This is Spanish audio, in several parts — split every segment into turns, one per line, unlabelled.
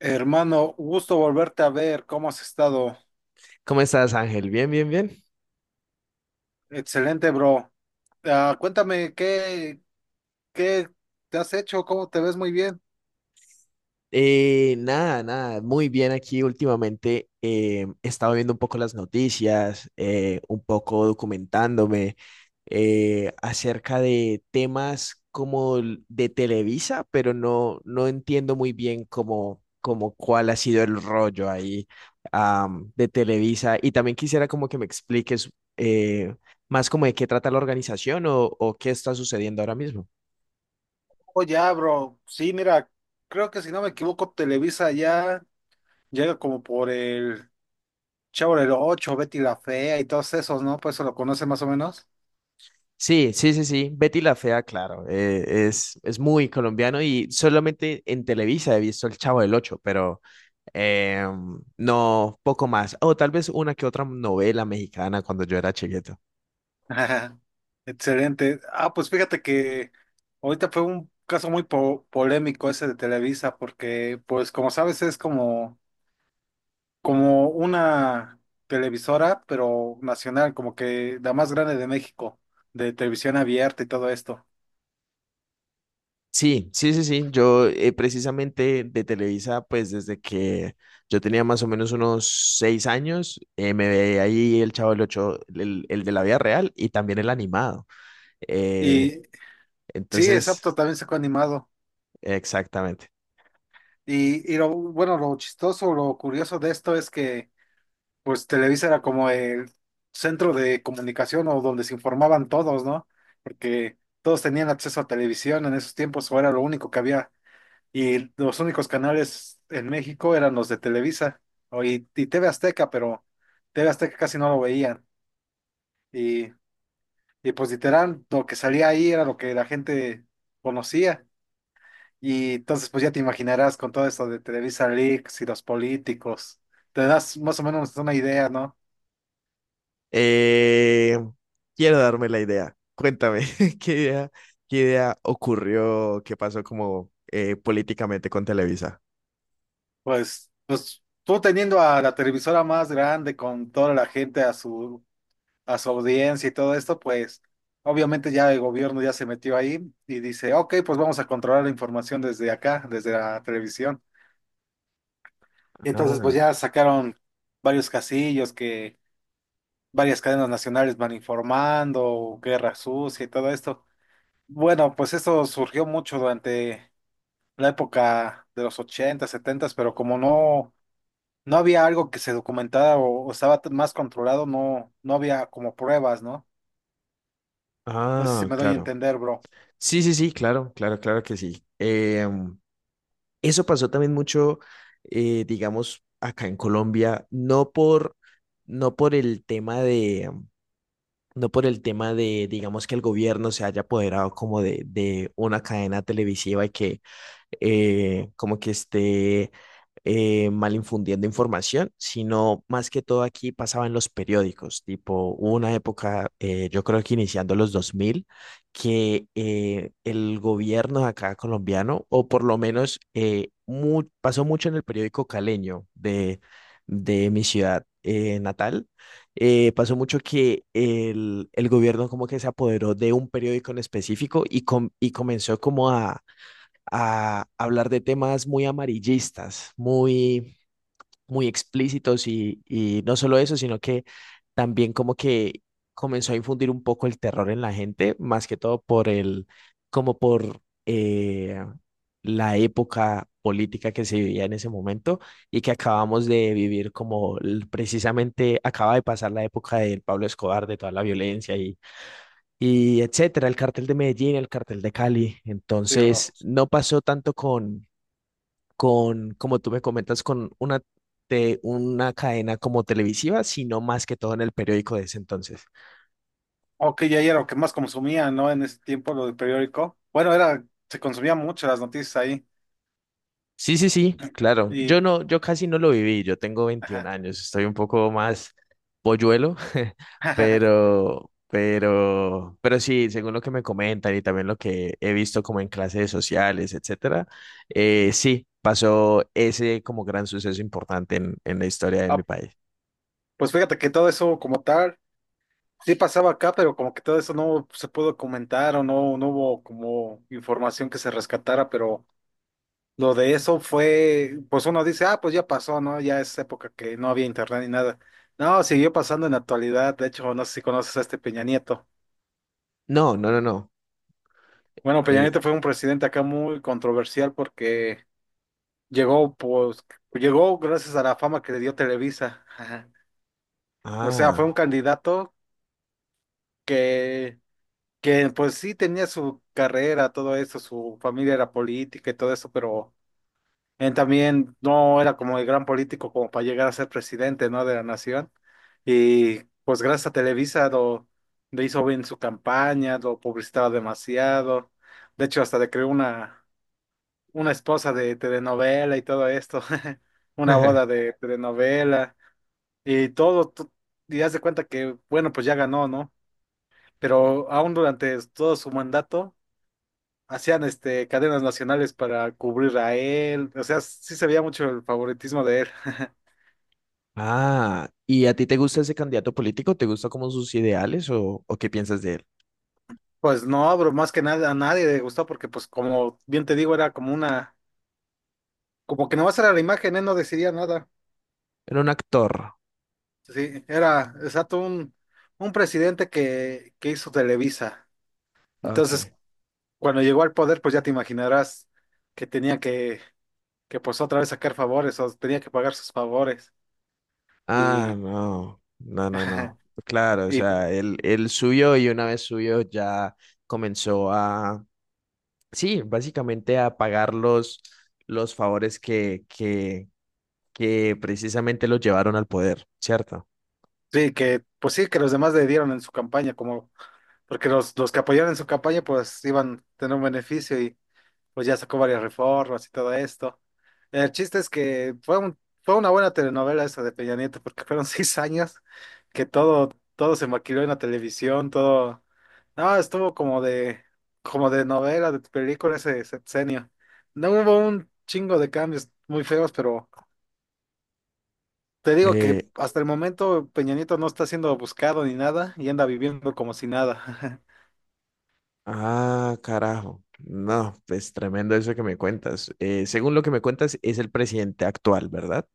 Hermano, gusto volverte a ver. ¿Cómo has estado?
¿Cómo estás, Ángel? Bien, bien, bien.
Excelente, bro. Cuéntame, ¿qué te has hecho? ¿Cómo te ves muy bien?
Nada, nada, muy bien aquí últimamente. He estado viendo un poco las noticias, un poco documentándome acerca de temas como de Televisa, pero no entiendo muy bien cómo cuál ha sido el rollo ahí de Televisa. Y también quisiera como que me expliques eh, más como de qué trata la organización o qué está sucediendo ahora mismo.
Oh, ya, bro. Sí, mira, creo que si no me equivoco, Televisa ya llega como por el Chavo del ocho, Betty la Fea y todos esos, ¿no? Pues eso lo conoce más o menos.
Sí, sí, sí, sí. Betty la Fea, claro. Es muy colombiano y solamente en Televisa he visto El Chavo del Ocho, pero eh, no, poco más. O tal vez una que otra novela mexicana cuando yo era chiquito.
Excelente. Pues fíjate que ahorita fue un caso muy polémico ese de Televisa, porque, pues, como sabes, es como una televisora, pero nacional, como que la más grande de México, de televisión abierta y todo esto.
Sí, sí, sí, sí. Yo, precisamente de Televisa, pues desde que yo tenía más o menos unos 6 años, me veía ahí el Chavo del Ocho, el de la vida real y también el animado. Eh,
Y sí,
entonces,
exacto, también sacó animado.
exactamente.
Y lo bueno, lo chistoso, lo curioso de esto es que, pues, Televisa era como el centro de comunicación o donde se informaban todos, ¿no? Porque todos tenían acceso a televisión en esos tiempos, o era lo único que había. Y los únicos canales en México eran los de Televisa y TV Azteca, pero TV Azteca casi no lo veían. Y, y pues literal, lo que salía ahí era lo que la gente conocía. Y entonces pues ya te imaginarás con todo esto de Televisa Leaks y los políticos. Te das más o menos una idea, ¿no?
Eh, Quiero darme la idea. Cuéntame, ¿qué idea, qué idea ocurrió? ¿Qué pasó como políticamente con Televisa?
Pues tú teniendo a la televisora más grande con toda la gente a su audiencia y todo esto, pues obviamente ya el gobierno ya se metió ahí y dice, ok, pues vamos a controlar la información desde acá, desde la televisión. Y entonces pues
Ah,
ya sacaron varios casillos que varias cadenas nacionales van informando, guerra sucia y todo esto. Bueno, pues esto surgió mucho durante la época de los ochenta, 70, pero como no había algo que se documentara o estaba más controlado, no, no había como pruebas, ¿no? No sé si
ah,
me doy a
claro.
entender, bro.
Sí, sí, sí, claro, claro, claro que sí. Eso pasó también mucho, digamos, acá en Colombia, no por el tema de, no por el tema de, digamos, que el gobierno se haya apoderado como de una cadena televisiva y que como que esté mal infundiendo información, sino más que todo aquí pasaba en los periódicos, tipo, hubo una época, yo creo que iniciando los 2000 que el gobierno de acá colombiano, o por lo menos pasó mucho en el periódico caleño de mi ciudad natal, pasó mucho que el gobierno como que se apoderó de un periódico en específico y comenzó como a hablar de temas muy amarillistas, muy, muy explícitos y no solo eso, sino que también como que comenzó a infundir un poco el terror en la gente, más que todo por el, como por la época política que se vivía en ese momento y que acabamos de vivir como precisamente acaba de pasar la época del Pablo Escobar, de toda la violencia y etcétera, el cartel de Medellín, el cartel de Cali.
Sí, bro.
Entonces, no pasó tanto con, como tú me comentas, de una cadena como televisiva, sino más que todo en el periódico de ese entonces.
Oh, ok, ya era lo que más consumía, ¿no? En ese tiempo, lo del periódico. Bueno, era, se consumía mucho las noticias ahí.
Sí, sí, sí, claro.
Y,
Yo casi no lo viví. Yo tengo veintiún
ajá.
años, estoy un poco más polluelo, pero sí, según lo que me comentan y también lo que he visto como en clases sociales, etcétera, sí, pasó ese como gran suceso importante en la historia de mi
Ah,
país.
pues fíjate que todo eso como tal, sí pasaba acá, pero como que todo eso no se pudo comentar o no, no hubo como información que se rescatara, pero lo de eso fue, pues uno dice, ah, pues ya pasó, ¿no? Ya es época que no había internet ni nada. No, siguió pasando en la actualidad. De hecho, no sé si conoces a este Peña Nieto.
No, no, no, no.
Bueno, Peña
Eh,
Nieto fue un presidente acá muy controversial porque llegó, pues, llegó gracias a la fama que le dio Televisa. Ajá. O sea, fue un
ah.
candidato que, que pues sí tenía su carrera, todo eso, su familia era política y todo eso, pero él también no era como el gran político como para llegar a ser presidente, ¿no? De la nación. Y pues gracias a Televisa le hizo bien su campaña, lo publicitaba demasiado. De hecho, hasta le creó una esposa de telenovela y todo esto, una boda de telenovela. Y todo, tú, y haz de cuenta que, bueno, pues ya ganó, ¿no? Pero aún durante todo su mandato, hacían este, cadenas nacionales para cubrir a él. O sea, sí se veía mucho el favoritismo de él.
Ah, ¿y a ti te gusta ese candidato político? ¿Te gusta como sus ideales o qué piensas de él?
Pues no, bro, más que nada a nadie le gustó porque, pues, como bien te digo, era como que nomás era la imagen, él no decidía nada.
Era un actor.
Sí, era exacto un presidente que hizo Televisa.
Ok.
Entonces, cuando llegó al poder, pues ya te imaginarás que tenía que pues otra vez sacar favores o tenía que pagar sus favores.
Ah,
Y,
no. No, no, no. Claro, o
y
sea, él subió y una vez subió ya comenzó a, sí, básicamente a pagar los favores que precisamente los llevaron al poder, ¿cierto?
sí, que pues sí, que los demás le dieron en su campaña, como porque los que apoyaron en su campaña pues iban a tener un beneficio, pues ya sacó varias reformas y todo esto. El chiste es que fue una buena telenovela esa de Peña Nieto, porque fueron 6 años que todo se maquiló en la televisión, todo, no, estuvo como de novela, de película ese sexenio. No hubo un chingo de cambios muy feos, pero te digo que
Eh,
hasta el momento Peña Nieto no está siendo buscado ni nada y anda viviendo como si nada.
ah, carajo. No, pues tremendo eso que me cuentas. Según lo que me cuentas, es el presidente actual, ¿verdad?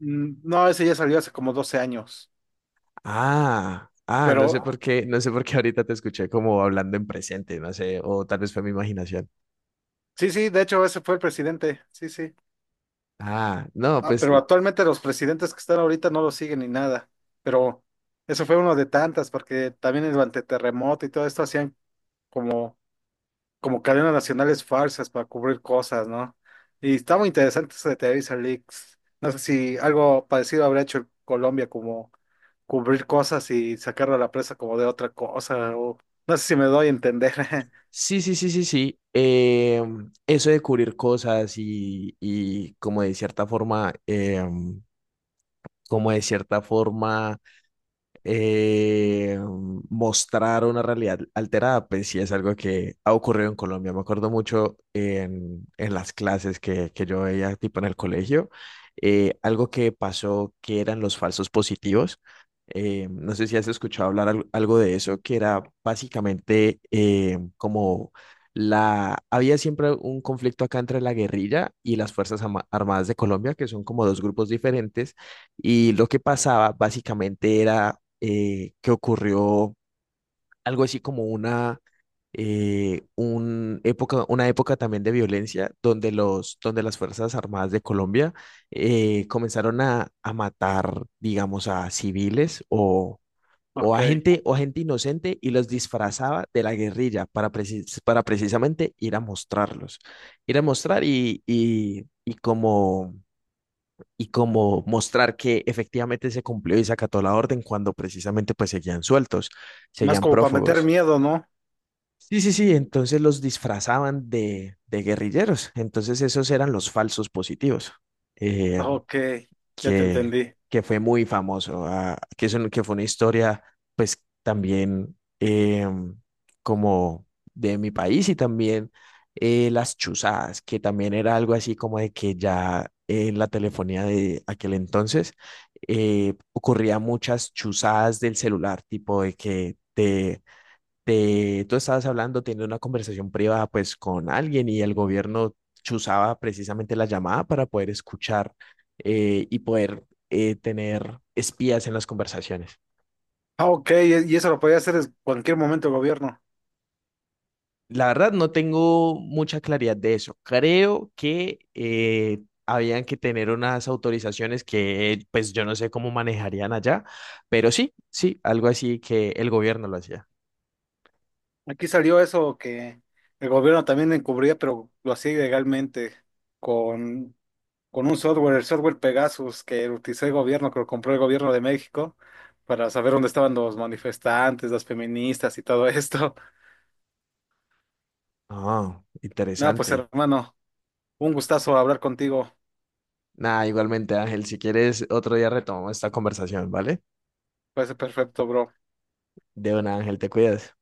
Mm, no, ese ya salió hace como 12 años.
Ah, ah, no sé
Pero
por qué, no sé por qué ahorita te escuché como hablando en presente, no sé, o tal vez fue mi imaginación.
sí, sí, de hecho ese fue el presidente, sí, sí.
Ah, no,
Ah,
pues
pero actualmente los presidentes que están ahorita no lo siguen ni nada, pero eso fue uno de tantas, porque también durante terremoto y todo esto hacían como, como cadenas nacionales falsas para cubrir cosas, ¿no? Y está muy interesante eso de Televisa Leaks. No sé si algo parecido habrá hecho Colombia, como cubrir cosas y sacarlo a la presa como de otra cosa, o no sé si me doy a entender.
sí, sí, sí, sí, sí. Eso de cubrir cosas y como de cierta forma, como de cierta forma. eh, mostrar una realidad alterada, pues sí es algo que ha ocurrido en Colombia. Me acuerdo mucho en las clases que yo veía, tipo en el colegio, algo que pasó que eran los falsos positivos. No sé si has escuchado hablar algo de eso, que era básicamente como la... Había siempre un conflicto acá entre la guerrilla y las Armadas de Colombia, que son como dos grupos diferentes y lo que pasaba básicamente era que ocurrió algo así un época, una época también de violencia donde las Fuerzas Armadas de Colombia comenzaron a matar, digamos, a civiles
Ok,
a gente, o a gente inocente y los disfrazaba de la guerrilla para precisamente ir a mostrarlos, ir a mostrar y como mostrar que efectivamente se cumplió y se acató la orden cuando precisamente pues seguían sueltos,
más
seguían
como para meter
prófugos.
miedo, ¿no?
Sí, sí, sí, entonces los disfrazaban de guerrilleros, entonces esos eran los falsos positivos. Eh,
Ok, ya te
que,
entendí.
que fue muy famoso, ah, que fue una historia pues también em, como de mi país y también las chuzadas, que también era algo así como de que ya en la telefonía de aquel entonces ocurría muchas chuzadas del celular, tipo de que tú estabas hablando, teniendo una conversación privada pues con alguien y el gobierno chuzaba precisamente la llamada para poder escuchar y poder tener espías en las conversaciones.
Ah, ok, y eso lo podía hacer en cualquier momento el gobierno.
La verdad no tengo mucha claridad de eso. Creo que habían que tener unas autorizaciones que pues yo no sé cómo manejarían allá, pero sí, sí, algo así que el gobierno lo hacía.
Aquí salió eso que el gobierno también encubría, pero lo hacía ilegalmente con, con un software, el software Pegasus, que lo utilizó el gobierno, que lo compró el gobierno de México, para saber dónde estaban los manifestantes, las feministas y todo esto.
Ah,
Nada, pues
interesante.
hermano, un gustazo hablar contigo.
Nada, igualmente, Ángel, si quieres, otro día retomamos esta conversación, ¿vale?
Parece perfecto, bro.
De una, Ángel, te cuidas.